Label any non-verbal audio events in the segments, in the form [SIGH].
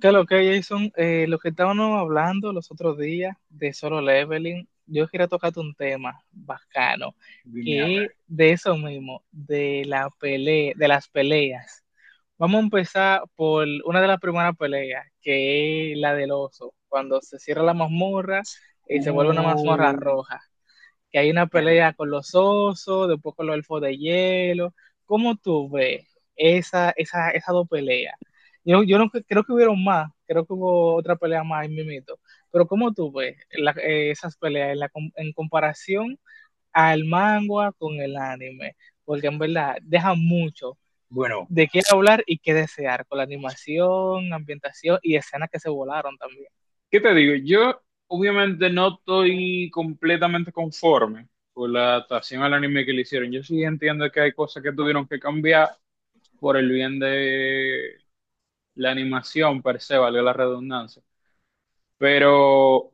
¿Qué lo que, Jason? Lo que estábamos hablando los otros días de Solo Leveling, yo quería tocarte un tema bacano, Dime a que ver. es de eso mismo, de la pele, de las peleas. Vamos a empezar por una de las primeras peleas, que es la del oso, cuando se cierra la mazmorra y se vuelve una mazmorra Uh, roja, que hay una mierda. pelea con los osos, después con los elfos de hielo. ¿Cómo tú ves esas dos peleas? Yo no cre- creo que hubieron más, creo que hubo otra pelea más en Mimito, pero ¿cómo tú ves esas peleas en, en comparación al manga con el anime? Porque en verdad deja mucho Bueno, de qué hablar y qué desear con la animación, ambientación y escenas que se volaron también. ¿qué te digo? Yo obviamente no estoy completamente conforme con la adaptación al anime que le hicieron. Yo sí entiendo que hay cosas que tuvieron que cambiar por el bien de la animación per se, valga la redundancia. Pero,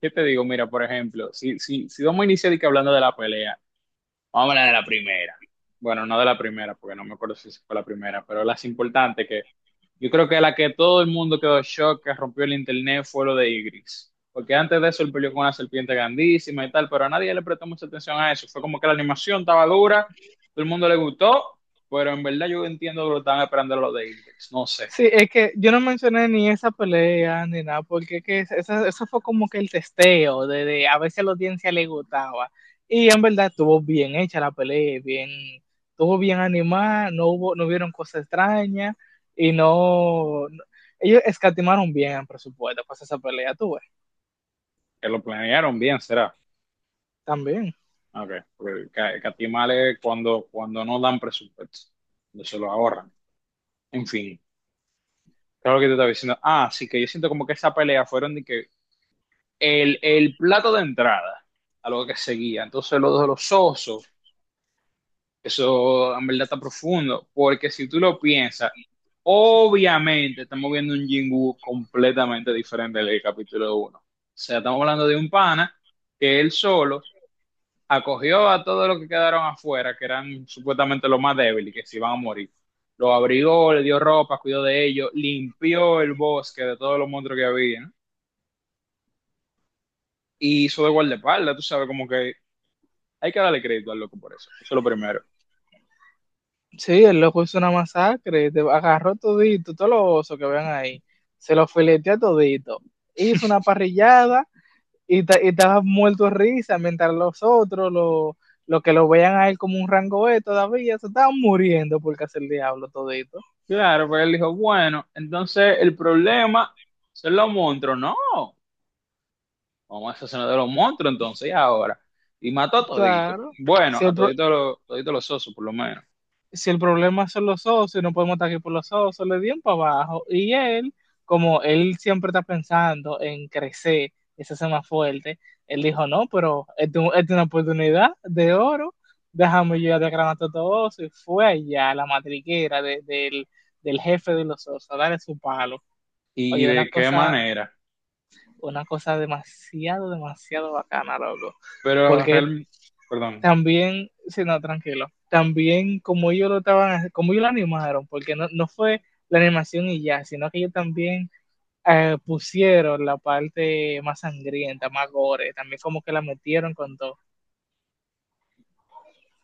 ¿qué te digo? Mira, por ejemplo, si vamos a iniciar y que hablando de la pelea. Vamos a hablar de la primera. Bueno, no de la primera, porque no me acuerdo si fue la primera, pero las importantes que yo creo que la que todo el mundo quedó en shock, que rompió el internet, fue lo de Igris. Porque antes de eso él peleó con una serpiente grandísima y tal, pero a nadie le prestó mucha atención a eso. Fue como que la animación estaba dura, todo el mundo le gustó, pero en verdad yo entiendo que lo estaban esperando lo de Igris. No sé, Sí, es que yo no mencioné ni esa pelea ni nada, porque es que es- esa- eso fue como que el testeo de a ver si a la audiencia le gustaba. Y en verdad estuvo bien hecha la pelea, bien, estuvo bien animada, no hubieron cosas extrañas y ellos escatimaron bien el presupuesto para esa pelea, tuve que lo planearon bien, será. también. Ok, porque catimales cuando no dan presupuesto, cuando se lo ahorran. En fin. Claro lo que te estaba diciendo. Ah, sí, que yo siento como que esa pelea fueron de que el plato de entrada a lo que seguía. Entonces, lo de los osos, eso en verdad está profundo. Porque si tú lo piensas, obviamente estamos viendo un Jingu completamente diferente del capítulo uno. O sea, estamos hablando de un pana que él solo acogió a todos los que quedaron afuera, que eran supuestamente los más débiles, que se iban a morir. Los abrigó, le dio ropa, cuidó de ellos, limpió el bosque de todos los monstruos que había, ¿no? Y hizo de guardaespaldas, tú sabes, como que hay que darle crédito al loco por eso. Eso es lo primero. Sí, el loco hizo una masacre, te agarró todito, todos los osos que vean ahí, se los fileteó todito, hizo una [LAUGHS] parrillada y, y te has muerto de risa, mientras lo que lo vean a él como un rango E todavía, se estaban muriendo porque hace el diablo todito. Claro, pero él dijo, bueno, entonces el problema son los monstruos. No, vamos a asesinar de los monstruos entonces y ahora. Y mató a todito. Claro, Bueno, si a el, pro- todito, todito los osos por lo menos. si el problema son los socios, no podemos estar aquí por los socios, le dieron para abajo. Y él, como él siempre está pensando en crecer, ese ser más fuerte, él dijo, no, pero esta es una oportunidad de oro, déjame yo de a todo eso. Y fue allá a la matriquera del, del jefe de los socios a darle su palo. ¿Y Oye, de qué manera? una cosa demasiado, demasiado bacana, loco. Pero Porque real, perdón, también, si no, tranquilo, también como ellos lo estaban, como ellos lo animaron, porque no fue la animación y ya, sino que ellos también pusieron la parte más sangrienta, más gore, también como que la metieron con todo.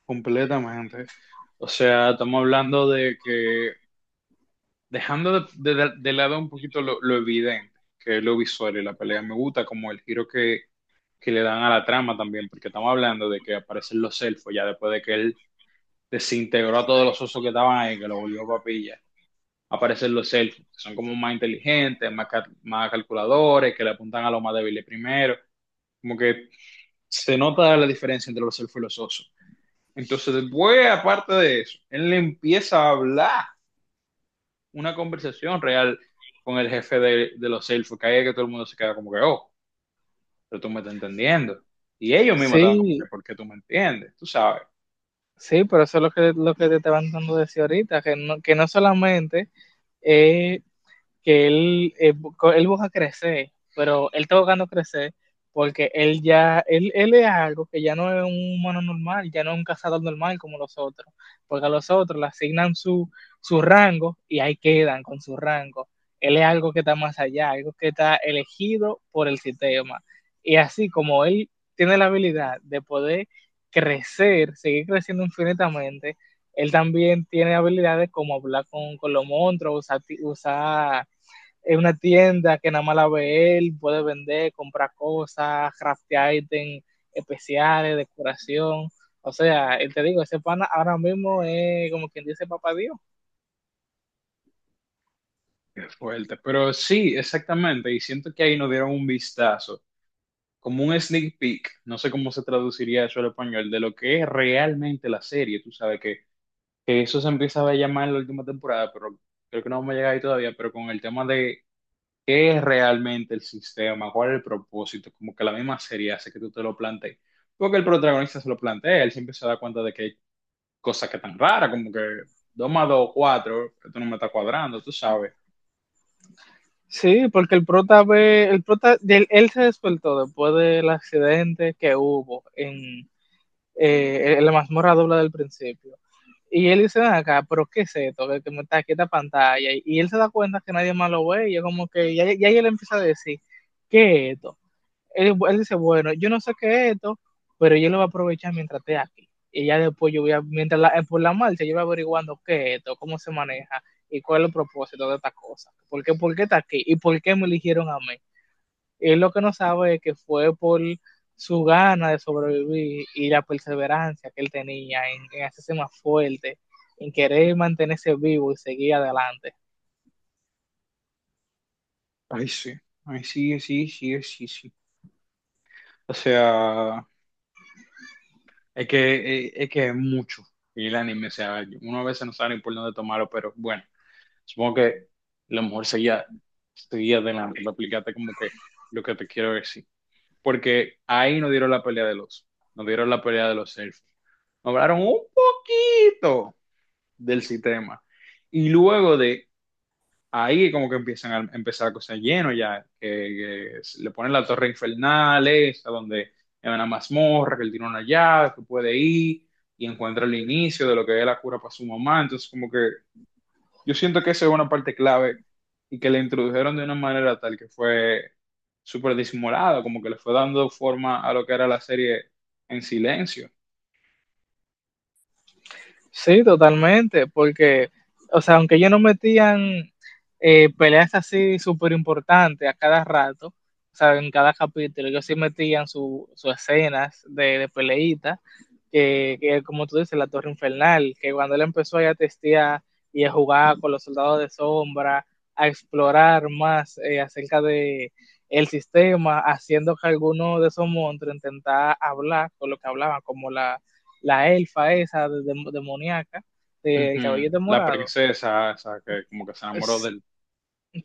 completamente. O sea, estamos hablando de que, dejando de, de lado un poquito lo evidente, que es lo visual y la pelea, me gusta como el giro que le dan a la trama también, porque estamos hablando de que aparecen los elfos, ya después de que él desintegró a todos los osos que estaban ahí, que lo volvió papilla, aparecen los elfos, que son como más inteligentes, más, más calculadores, que le apuntan a los más débiles primero, como que se nota la diferencia entre los elfos y los osos. Entonces, después, aparte de eso, él le empieza a hablar una conversación real con el jefe de los elfos, que ahí es que todo el mundo se queda como que, oh, pero tú me estás entendiendo. Y ellos mismos estaban como Sí, que, ¿por qué tú me entiendes? Tú sabes, sí, pero eso es lo que te estaban dando decir ahorita, que no solamente es que él busca crecer, pero él está buscando crecer porque él es algo que ya no es un humano normal, ya no es un cazador normal como los otros, porque a los otros le asignan su, su rango y ahí quedan con su rango. Él es algo que está más allá, algo que está elegido por el sistema. Y así como él tiene la habilidad de poder crecer, seguir creciendo infinitamente, él también tiene habilidades como hablar con los monstruos, usar es una tienda que nada más la ve él, puede vender, comprar cosas, craftear ítems especiales, decoración. O sea, él te digo, ese pana ahora mismo es como quien dice papá Dios. qué fuerte. Pero sí, exactamente, y siento que ahí nos dieron un vistazo, como un sneak peek, no sé cómo se traduciría eso al español, de lo que es realmente la serie. Tú sabes que eso se empieza a llamar en la última temporada, pero creo que no vamos a llegar ahí todavía, pero con el tema de ¿qué es realmente el sistema? ¿Cuál es el propósito? Como que la misma serie hace que tú te lo plantees. Porque el protagonista se lo plantea, él siempre se da cuenta de que hay cosas que están raras, como que 2 más 2 4. Esto no me está cuadrando, tú sabes. Sí, porque el prota, él se despertó después del accidente que hubo en la mazmorra doble del principio. Y él dice, "Ven acá, pero ¿qué es esto? Que, me está aquí esta pantalla". Y él se da cuenta que nadie más lo ve y es como que, ya él empieza a decir, ¿qué es esto? Él dice, bueno, yo no sé qué es esto, pero yo lo voy a aprovechar mientras esté aquí. Y ya después yo voy a, mientras por la marcha, yo voy averiguando qué es esto, cómo se maneja y cuál es el propósito de esta cosa. Por qué está aquí? ¿Y por qué me eligieron a mí? Él lo que no sabe es que fue por su gana de sobrevivir y la perseverancia que él tenía en hacerse más fuerte, en querer mantenerse vivo y seguir adelante. Ay, sí, ay, sí, sí, sí, sí, sí. O sea, es que es mucho. Y el anime, o sea, uno a veces no sabe ni por dónde tomarlo, pero bueno, supongo que lo mejor sería, sería de la, de aplicarte como que lo que te quiero decir. Porque ahí nos dieron la pelea de los, nos dieron la pelea de los selfies. Nos hablaron un poquito del sistema. Y luego de ahí como que empiezan a empezar a cosas lleno ya, que se le ponen la torre infernal, esa donde es una mazmorra, que él tiene una llave, que puede ir y encuentra el inicio de lo que es la cura para su mamá. Entonces como que yo siento que esa es una parte clave y que le introdujeron de una manera tal que fue súper disimulada, como que le fue dando forma a lo que era la serie en silencio. Sí, totalmente, porque, o sea, aunque ellos no metían peleas así súper importantes a cada rato, o sea, en cada capítulo, ellos sí metían sus escenas de peleita, que como tú dices, la Torre Infernal, que cuando él empezó ahí a testear y a jugar con los soldados de sombra, a explorar más acerca de el sistema, haciendo que alguno de esos monstruos intentara hablar con lo que hablaban, como la elfa esa demoníaca, del Ujú. caballete La morado. princesa, esa que como que se enamoró del...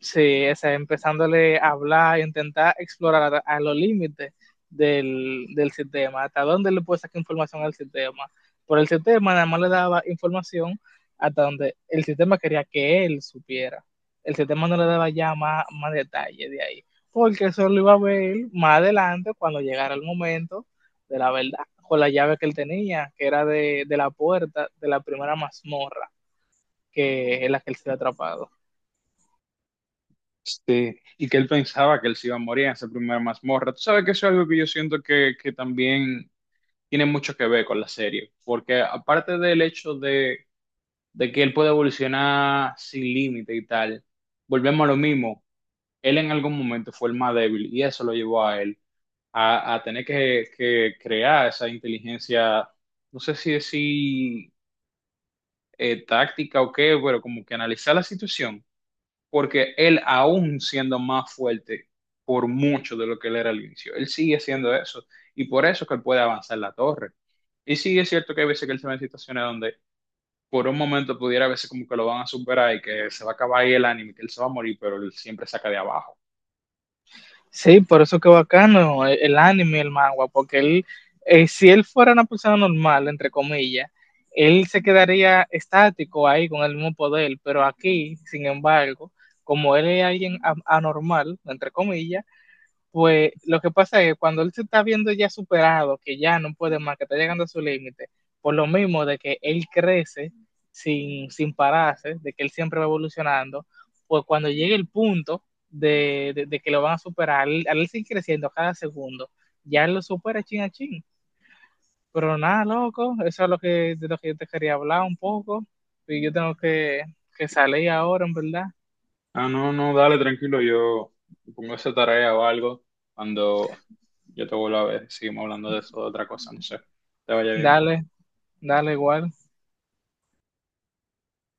Sí, ese, empezándole a hablar, intentar explorar a los límites del, sistema, hasta dónde le puede sacar información al sistema. Por el sistema nada más le daba información hasta donde el sistema quería que él supiera. El sistema no le daba ya más detalle de ahí, porque eso lo iba a ver más adelante cuando llegara el momento de la verdad, con la llave que él tenía, que era de la puerta de la primera mazmorra, que es la que él se había atrapado. Sí, y que él pensaba que él se iba a morir en esa primera mazmorra. Tú sabes que eso es algo que yo siento que también tiene mucho que ver con la serie, porque aparte del hecho de que él puede evolucionar sin límite y tal, volvemos a lo mismo, él en algún momento fue el más débil y eso lo llevó a él a tener que crear esa inteligencia, no sé si decir táctica o qué, pero como que analizar la situación, porque él aún siendo más fuerte por mucho de lo que él era al inicio, él sigue siendo eso y por eso es que él puede avanzar la torre. Y sí es cierto que hay veces que él se ve en situaciones donde por un momento pudiera a veces como que lo van a superar y que se va a acabar ahí el anime, que él se va a morir, pero él siempre saca de abajo. Sí, por eso que bacano el anime, el manga, porque si él fuera una persona normal, entre comillas, él se quedaría estático ahí con el mismo poder, pero aquí, sin embargo, como él es alguien anormal, entre comillas, pues lo que pasa es que cuando él se está viendo ya superado, que ya no puede más, que está llegando a su límite, por lo mismo de que él crece sin pararse, de que él siempre va evolucionando, pues cuando llegue el punto de que lo van a superar, al él sigue creciendo cada segundo, ya él lo supera chin a chin. Pero nada, loco, eso es lo que, de lo que yo te quería hablar un poco. Y yo tengo que salir ahora, en verdad. Ah, no, no, dale, tranquilo, yo pongo esa tarea o algo. Cuando yo te vuelva a ver, seguimos hablando de eso, de otra cosa, no sé. Te vaya bien. Dale, dale igual.